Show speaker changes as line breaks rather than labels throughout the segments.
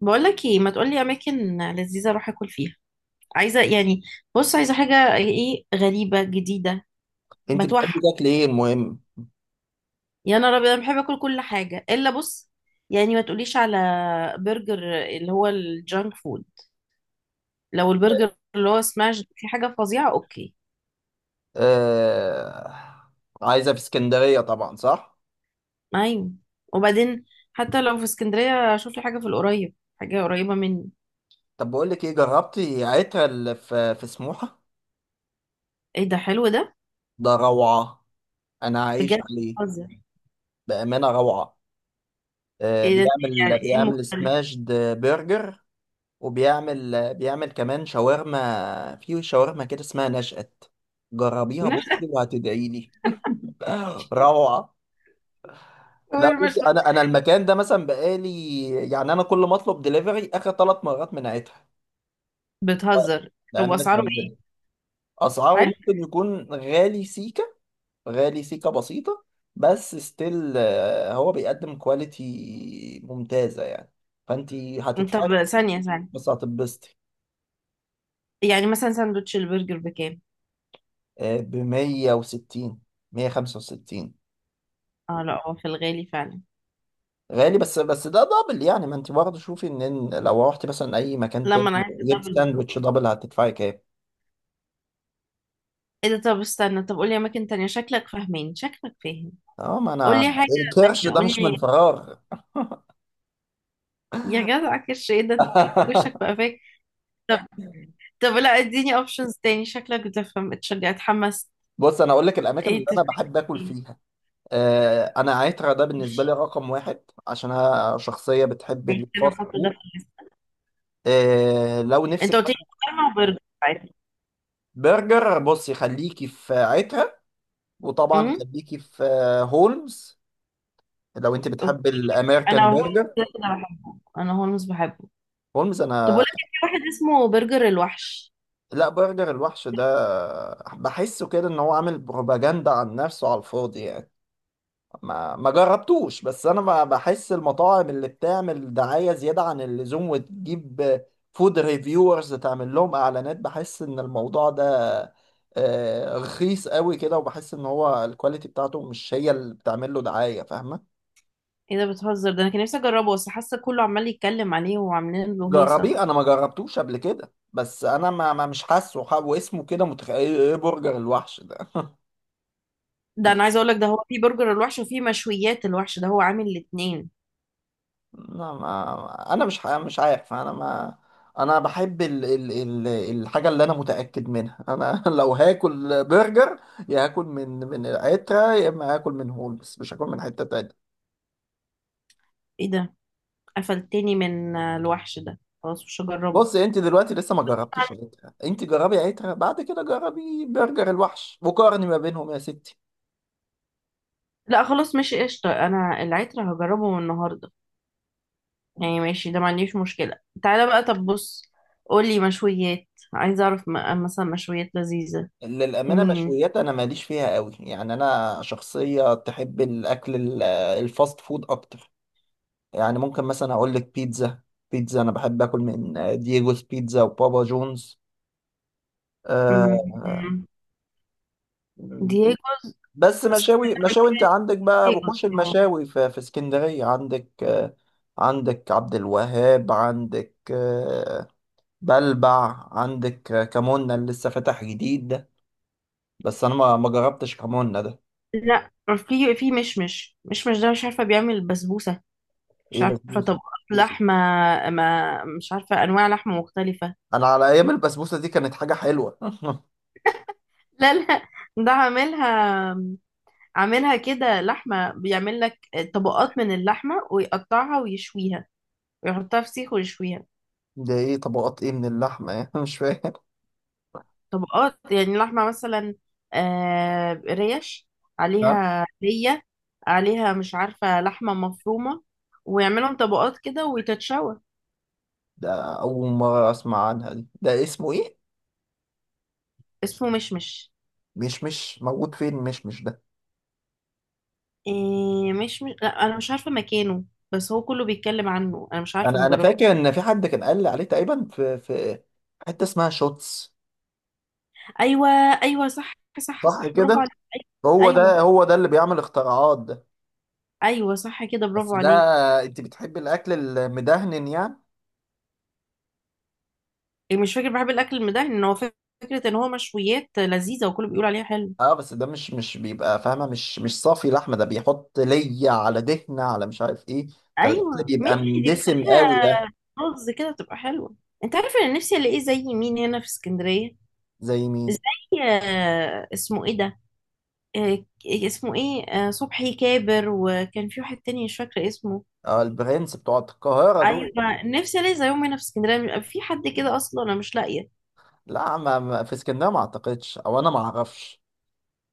بقولك ايه، ما تقولي اماكن لذيذه اروح اكل فيها؟ عايزه يعني. بص، عايزه حاجه ايه غريبه جديده.
انت بتحبي
بتوحى.
تاكلي ايه المهم.
يا نهار ابيض، انا بحب اكل كل حاجه الا بص، يعني ما تقوليش على برجر اللي هو الجانك فود. لو البرجر اللي هو سماش في حاجه فظيعه، اوكي.
آه... عايزه في اسكندريه طبعا، صح.
نايم وبعدين، حتى لو في اسكندريه اشوف لي حاجه في القريب، حاجه قريبه مني.
طب بقول لك ايه، جربتي عترة اللي في سموحه؟
ايه ده؟ حلو ده.
ده روعه. انا عايش
بجد
عليه.
بتهزر؟
بامانه روعه.
ايه ده؟ يعني
بيعمل
ايه
بيعمل
مختلف؟
سماشد برجر، وبيعمل كمان شاورما، في شاورما كده اسمها نشأت. جربيها بصي وهتدعي لي. روعه. لا
شاورما.
بصي، انا المكان ده مثلا بقالي، يعني انا كل ما اطلب دليفري اخر ثلاث مرات من عترة.
بتهزر.
ده
هو
أمانة
اسعاره
ربنا.
ايه؟
أسعاره
حلو.
ممكن يكون غالي سيكة، غالي سيكة بسيطة، بس ستيل هو بيقدم كواليتي ممتازة يعني. فأنت هتدفعي
طب
فلوس،
ثانية ثانية،
بس هتتبسطي.
يعني مثلا ساندوتش البرجر بكام؟
ب 160، 165.
اه لا، هو في الغالي فعلا.
غالي، بس ده دبل يعني، ما أنت برضه شوفي إن لو رحتي مثلا أي مكان
لما
تاني
انا عايزة
جبت
دبل
ساندوتش
برجر.
دبل هتدفعي كام؟
ايه ده؟ طب استنى، طب قولي اماكن تانية. شكلك فاهم.
أه ما أنا
قولي حاجة
الكرش
تانية،
ده مش من
قولي.
فراغ.
يا جدع كرش ايه ده؟ انت وشك بقى فاك. طب طب لا، اديني اوبشنز تاني. شكلك بتفهم، اتشجع اتحمس.
بص انا اقول لك الاماكن اللي
ايه
انا
تفكير!
بحب اكل فيها. انا عترة ده بالنسبه لي
ماشي.
رقم واحد، عشان انا شخصيه بتحب
ماشي، انا
الفاست
احط ده في
فود.
الليست.
لو نفسك
انت قلت لي
مثلا
شاورما وبرجر عادي.
برجر، بصي خليكي في عترة، وطبعا
امم.
خليكي في هولمز، لو انت بتحب
اوكي، انا
الامريكان
هولمز
برجر.
كده كده بحبه، انا هولمز بحبه.
هولمز
طب
انا.
بقول لك إيه، في واحد اسمه برجر الوحش.
لا برجر الوحش ده، بحسه كده ان هو عامل بروباجندا عن نفسه على الفاضي يعني. ما جربتوش، بس انا بحس المطاعم اللي بتعمل دعاية زيادة عن اللزوم وتجيب فود ريفيورز تعمل لهم اعلانات، بحس ان الموضوع ده رخيص قوي كده، وبحس ان هو الكواليتي بتاعته مش هي اللي بتعمل له دعاية، فاهمة؟
ايه ده؟ بتهزر؟ ده انا كان نفسي اجربه، بس حاسه كله عمال يتكلم عليه وعاملين له هيصه.
جربيه، انا ما جربتوش قبل كده، بس انا مش حاسه واسمه كده متخيل ايه إيه، برجر الوحش ده.
ده انا عايزه اقول لك، ده هو في برجر الوحش وفي مشويات الوحش، ده هو عامل الاتنين.
لا ما انا مش عارف انا ما. انا بحب الحاجه اللي انا متاكد منها انا. لو هاكل برجر يا هاكل من العتره، يا اما هاكل من هولمز، مش هاكل من حته تانية.
ايه ده؟ قفلتني من الوحش ده، خلاص مش هجربه.
بص انت دلوقتي لسه ما جربتيش عتره، انت جربي عتره بعد كده جربي برجر الوحش وقارني ما بينهم يا ستي.
لا خلاص ماشي قشطه، انا العترة هجربه من النهارده. يعني ماشي، ده ما عنديش مشكله. تعالى بقى، طب بص، قولي مشويات. عايزه اعرف مثلا مشويات لذيذه.
للأمانة
مين؟
مشويات أنا ماليش فيها قوي يعني، أنا شخصية تحب الأكل الفاست فود أكتر. يعني ممكن مثلا اقول لك بيتزا. بيتزا انا بحب اكل من دييجوز بيتزا وبابا جونز. آه،
مم.
آه،
دييجوز.
بس مشاوي، مشاوي انت عندك بقى
دييجوز.
وحوش المشاوي في اسكندرية. عندك آه، عندك عبد الوهاب، عندك آه، بلبع، عندك كمونة اللي لسه فاتح جديد ده، بس انا ما جربتش كمونة ده.
لا، في مشمش. مشمش ده مش عارفه، بيعمل بسبوسه، مش
ايه
عارفه
بسبوسة؟
طبقات لحمه، ما مش عارفه انواع لحمه مختلفه.
انا على ايام البسبوسة دي كانت حاجة حلوة.
لا لا، ده عاملها، عاملها كده لحمه، بيعمل لك طبقات من اللحمه ويقطعها ويشويها، ويحطها في سيخ ويشويها.
ده ايه طبقات ايه من اللحمة؟ مش فاهم.
طبقات، يعني لحمه مثلا ريش عليها، ليه عليها مش عارفه لحمه مفرومه، ويعملهم طبقات كده وتتشوى.
ده أول مرة أسمع عنها دي، ده اسمه إيه؟
اسمه مشمش.
مش موجود فين؟ مش ده.
إيه، لا انا مش عارفه مكانه، بس هو كله بيتكلم عنه، انا مش عارفه،
أنا
ما جربت.
فاكر إن في حد كان قال لي عليه تقريبا في حتة اسمها شوتس.
ايوه ايوه صح، صح
صح
صح، برافو
كده؟
عليك.
هو
ايوه
ده، هو ده اللي بيعمل اختراعات ده.
ايوه، صح كده، برافو
بس ده،
عليك.
أنت بتحب الأكل المدهن يعني؟
إيه، مش فاكر، بحب الاكل المدهن، ان هو فكره ان هو مشويات لذيذه وكله بيقول عليها حلو.
أه بس ده مش بيبقى فاهمة، مش صافي لحمة، ده بيحط لية على دهنة على مش عارف إيه. فالأكل
ايوه
بيبقى
ماشي، دي
مندسم
بتخليها
قوي ده.
رز كده تبقى حلوه. انت عارفه انا نفسي الاقيه زي مين هنا في اسكندريه؟
زي مين؟
زي اسمه ايه ده، اسمه ايه، صبحي كابر، وكان في واحد تاني مش فاكره اسمه.
أه البرنس بتوع القاهرة دول.
ايوه، نفسي الاقي زيهم هنا في اسكندريه، بيبقى في حد كده اصلا؟ انا مش لاقيه.
لا في اسكندريه ما اعتقدش، او انا ما اعرفش.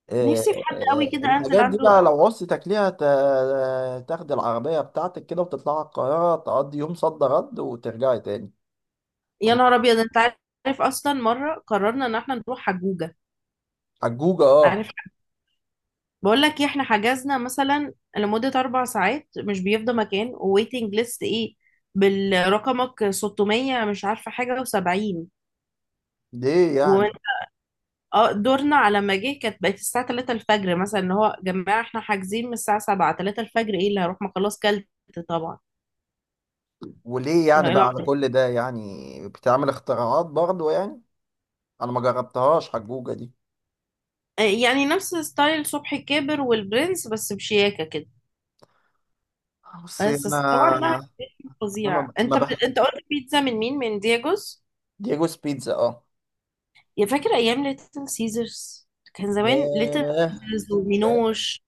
إيه،
نفسي في حد قوي
إيه،
كده انزل
الحاجات دي
عنده.
بقى لو عوزت ليها تاخد العربيه بتاعتك كده وتطلع القاهره تقضي يوم صد رد وترجعي تاني.
يا نهار ابيض، انت عارف اصلا مره قررنا ان احنا نروح حجوجه؟
حجوجه، اه.
عارف، بقول لك ايه، احنا حجزنا مثلا لمده 4 ساعات مش بيفضى مكان، وويتنج ليست ايه، بالرقمك 600 مش عارفه حاجه و70
ليه
و،
يعني؟
اه دورنا على ما جه كانت بقت الساعه 3 الفجر مثلا، اللي هو يا جماعه احنا حاجزين من الساعه 7 3 الفجر، ايه اللي هروح، ما خلاص كلت، طبعا.
وليه يعني
لا،
بقى على
لا.
كل ده يعني، بتعمل اختراعات برضو يعني؟ انا ما جربتهاش حجوجه دي.
يعني نفس ستايل صبحي كابر والبرنس، بس بشياكة كده.
بصي
بس طبعا بقى
انا، انا
فظيع.
ما ما
انت
بح...
انت قلت بيتزا من مين؟ من دياجوس؟
ديجوز بيتزا اه.
يا فاكر ايام ليتل سيزرز، كان زمان ليتل
ياه.
سيزرز
آه،
ومينوش؟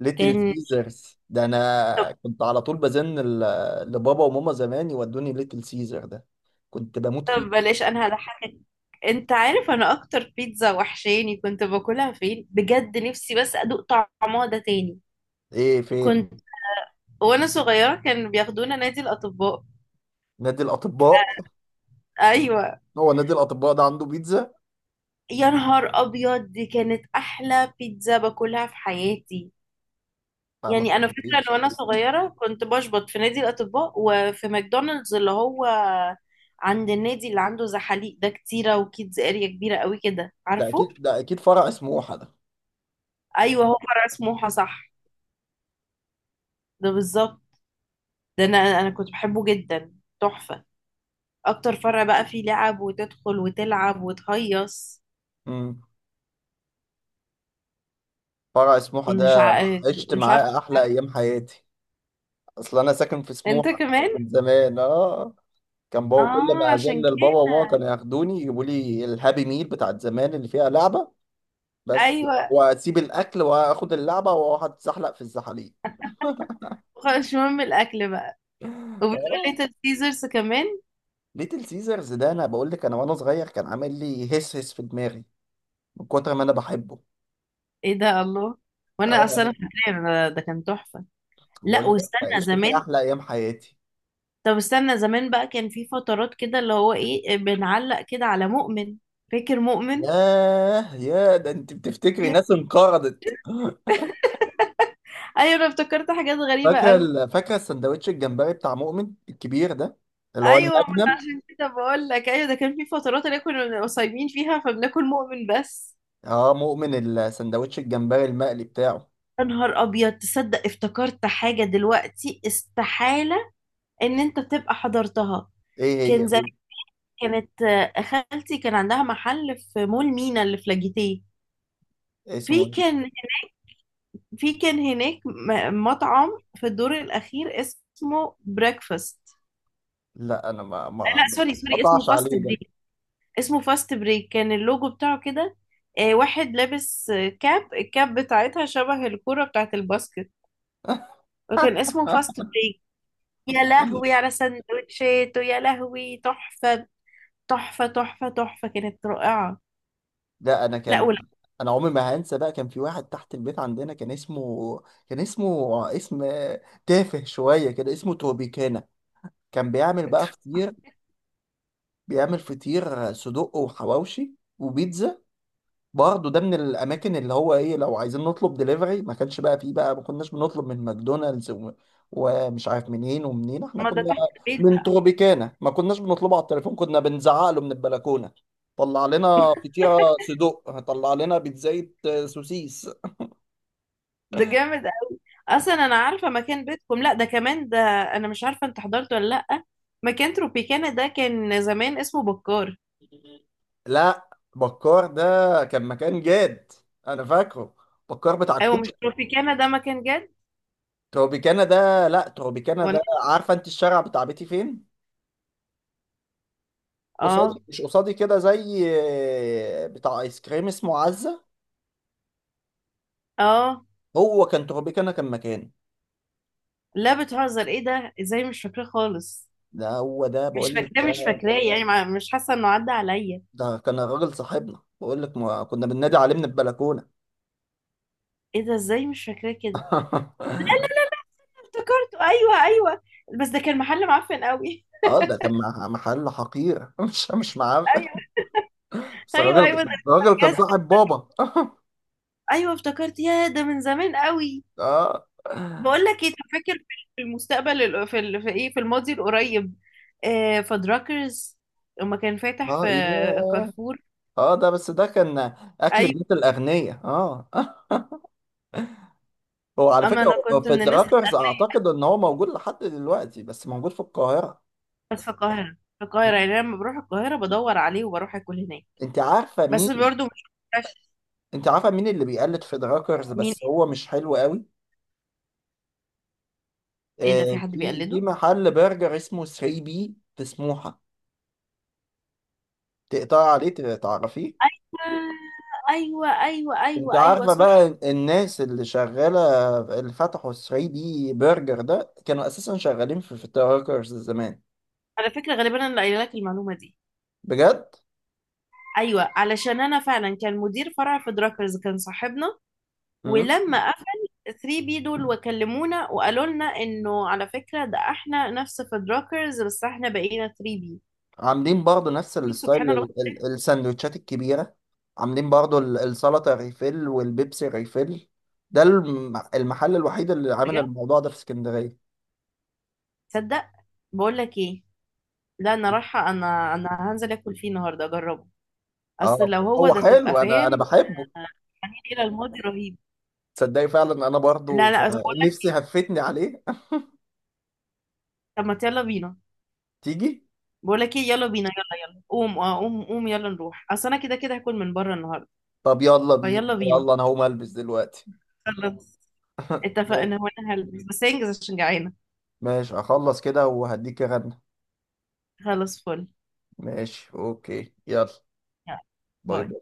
ليتل
كان،
سيزرز ده انا كنت على طول بزن لبابا وماما زمان يودوني ليتل سيزر ده. كنت بموت
طب
فيه.
بلاش، انا هضحكك. انت عارف انا اكتر بيتزا وحشاني كنت باكلها فين بجد، نفسي بس ادوق طعمها ده تاني؟
ايه فين؟
كنت وانا صغيرة كانوا بياخدونا نادي الاطباء.
نادي الاطباء.
ايوه،
هو نادي الاطباء ده عنده بيتزا؟
يا نهار ابيض، دي كانت احلى بيتزا باكلها في حياتي.
آه، ما
يعني انا فاكره ان
تكلمنيش.
وانا صغيره كنت بشبط في نادي الاطباء، وفي ماكدونالدز اللي هو عند النادي اللي عنده زحاليق ده، كتيره وكيدز اريا كبيره قوي كده،
ده
عارفه؟
اكيد، ده اكيد فرع سموحه ده.
ايوه، هو فرع سموحه، صح، ده بالظبط. ده انا كنت بحبه جدا، تحفه، اكتر فرع بقى فيه لعب وتدخل وتلعب وتهيص.
امم، فرع سموحه ده
مش ع...
عشت
مش عارفه.
معاه احلى ايام حياتي. اصل انا ساكن في
انت
سموحه
كمان؟
من زمان اه. كان بابا كل
اه،
ما ازن
عشان
لبابا
كده.
وماما كانوا ياخدوني يجيبوا لي الهابي ميل بتاعت زمان اللي فيها لعبه بس،
ايوه،
واسيب الاكل واخد اللعبه واقعد اتزحلق في الزحاليق.
خلاص مش مهم الاكل بقى. وبتقول لي
اه.
ليتل سيزرز كمان؟
ليتل سيزرز ده انا بقول لك انا وانا صغير كان عامل لي هس هس في دماغي من كتر ما انا بحبه.
ايه ده، الله! وانا
اه
اصلا
يعني.
فاكره أنا ده كان تحفه. لا،
بقول لك
واستنى
عشت فيه
زمان،
احلى ايام حياتي.
طب استنى زمان بقى، كان في فترات كده اللي هو ايه، بنعلق كده على مؤمن. فاكر مؤمن؟
ياه، يا ده انت بتفتكري
Yeah.
ناس انقرضت.
ايوه، انا افتكرت حاجات غريبه
فاكره
قوي.
فاكره السندوتش الجمبري بتاع مؤمن الكبير ده، اللي هو
ايوه، ما أنا
المجنم.
عشان كده بقول لك، ايوه ده كان في فترات اللي كنا صايمين فيها، فبناكل مؤمن بس.
اه مؤمن، السندوتش الجمبري المقلي بتاعه.
يا نهار ابيض، تصدق افتكرت حاجه دلوقتي استحاله ان انت تبقى حضرتها؟
ايه هي؟
كان كانت خالتي كان عندها محل في مول مينا اللي في لاجيتيه.
إيه اسمه
في
ايه؟
كان في كان هناك مطعم في الدور الأخير اسمه بريكفاست.
لا انا ما ما
لا
ما
سوري، سوري، اسمه
قطعش
فاست
عليه
بريك. اسمه فاست بريك، كان اللوجو بتاعه كده، واحد لابس كاب، الكاب بتاعتها شبه الكرة بتاعت الباسكت، وكان اسمه فاست بريك. يا
ده.
لهوي على سندوتشات، ويا لهوي تحفة، تحفة تحفة تحفة، كانت رائعة.
لا انا
لا
كان،
ولا.
انا عمري ما هنسى بقى، كان في واحد تحت البيت عندنا كان اسمه اسم تافه شويه كده، اسمه توبيكانا. كان بيعمل بقى فطير، بيعمل فطير صدق وحواوشي وبيتزا. برضه ده من الاماكن اللي هو ايه، لو عايزين نطلب دليفري ما كانش بقى فيه بقى، ما كناش بنطلب من ماكدونالدز ومش عارف منين ومنين، احنا
ما ده
كنا
تحت البيت
من
بقى.
تروبيكانا ما كناش بنطلبه على التليفون، كنا بنزعق له من البلكونه، طلع لنا فطيره صدق، طلع لنا بيتزاية سوسيس.
ده جامد. اصلا انا عارفه مكان بيتكم، لا ده كمان، ده انا مش عارفه انت حضرته ولا لا، مكان تروبيكانا ده كان زمان اسمه بكار.
لا بكار ده كان مكان جاد، انا فاكره، بكار بتاع
ايوه، مش
الكشك.
تروبيكانا ده مكان جد.
تروبيكانا ده لا، تروبيكانا
ولا.
ده عارفه انت الشارع بتاع بيتي فين؟
اه.
قصادي، مش قصادي كده، زي بتاع ايس كريم اسمه عزة.
اه.
هو كان تربيكانا، كان مكاني.
لا بتهزر، ايه ده؟ ازاي مش فاكراه خالص؟
ده هو ده
مش
بقول لك
فاكراه، مش
ده.
فاكراه، يعني مش حاسه انه عدى عليا.
ده كان الراجل صاحبنا بقول لك، ما كنا بننادي عليه من البلكونة.
ايه ده، ازاي مش فاكراه كده؟ افتكرته، ايوه ايوه، بس ده كان محل معفن قوي.
اه ده كان محل حقير، مش معرف.
ايوه،
بس
ايوه
الراجل،
ايوه، ده
كان
بجد.
صاحب بابا.
ايوه افتكرت، يا ده من زمان قوي.
اه.
بقول لك ايه، طب فاكر في المستقبل في في في الماضي القريب، آه فدراكرز، لما كان فاتح في
اه ياه.
كارفور؟
اه ده بس ده كان اكل
ايوه.
بيت الاغنياء اه. هو على
اما
فكرة،
انا
هو
كنت
في
من الناس
الدراكرز
الاغنياء.
اعتقد ان هو موجود لحد دلوقتي، بس موجود في القاهرة.
بس في القاهره، في القاهره، يعني أنا لما بروح القاهره بدور عليه وبروح اكل هناك.
انت عارفه
بس
مين؟
برضه مش عارفة
انت عارفه مين اللي بيقلد في دراكرز
مين.
بس هو مش حلو قوي؟
ايه ده، في
آه،
حد
في
بيقلده؟
محل برجر اسمه 3 بي في سموحه، تقطع عليه، تعرفيه؟
ايوه ايوه
انت
ايوه ايوه
عارفه بقى
صح.
الناس اللي شغاله، اللي فتحوا 3 بي برجر ده، كانوا اساسا شغالين في دراكرز زمان.
على فكره غالبا انا اللي قايله لك المعلومه دي.
بجد.
ايوه، علشان انا فعلا كان مدير فرع في دراكرز كان صاحبنا، ولما قفل 3 بي دول وكلمونا وقالوا لنا انه على فكرة ده احنا نفس فدراكرز، بس احنا بقينا 3 بي.
عاملين برضو نفس
شوف
الستايل
سبحان الله.
السندوتشات الكبيرة، عاملين برضو السلطة ريفيل والبيبسي ريفيل، ده المحل الوحيد اللي عامل
بجد،
الموضوع ده في اسكندرية.
تصدق، بقول لك ايه، لا انا رايحة، انا هنزل اكل فيه النهارده اجربه، اصل
اه
لو هو
هو
ده تبقى
حلو، انا
فاهم.
بحبه.
آه، يعني إيه، الى الماضي رهيب!
تصدقي فعلا انا
لا
برضو
لا، طب بقول لك
نفسي
ايه،
هفتني عليه.
طب ما يلا بينا.
تيجي.
بقول لك ايه، يلا بينا، يلا يلا قوم، اه قوم قوم، يلا نروح، اصل انا كده كده هاكل من بره النهارده.
طب يلا بينا،
فيلا بينا،
يلا انا هقوم البس دلوقتي.
خلاص، اتفقنا،
ماشي،
وانا هلبس، بس انجز عشان جعانة.
ماشي اخلص كده وهديك رنة.
خلاص، فل.
ماشي اوكي يلا.
يلا،
باي
باي.
باي.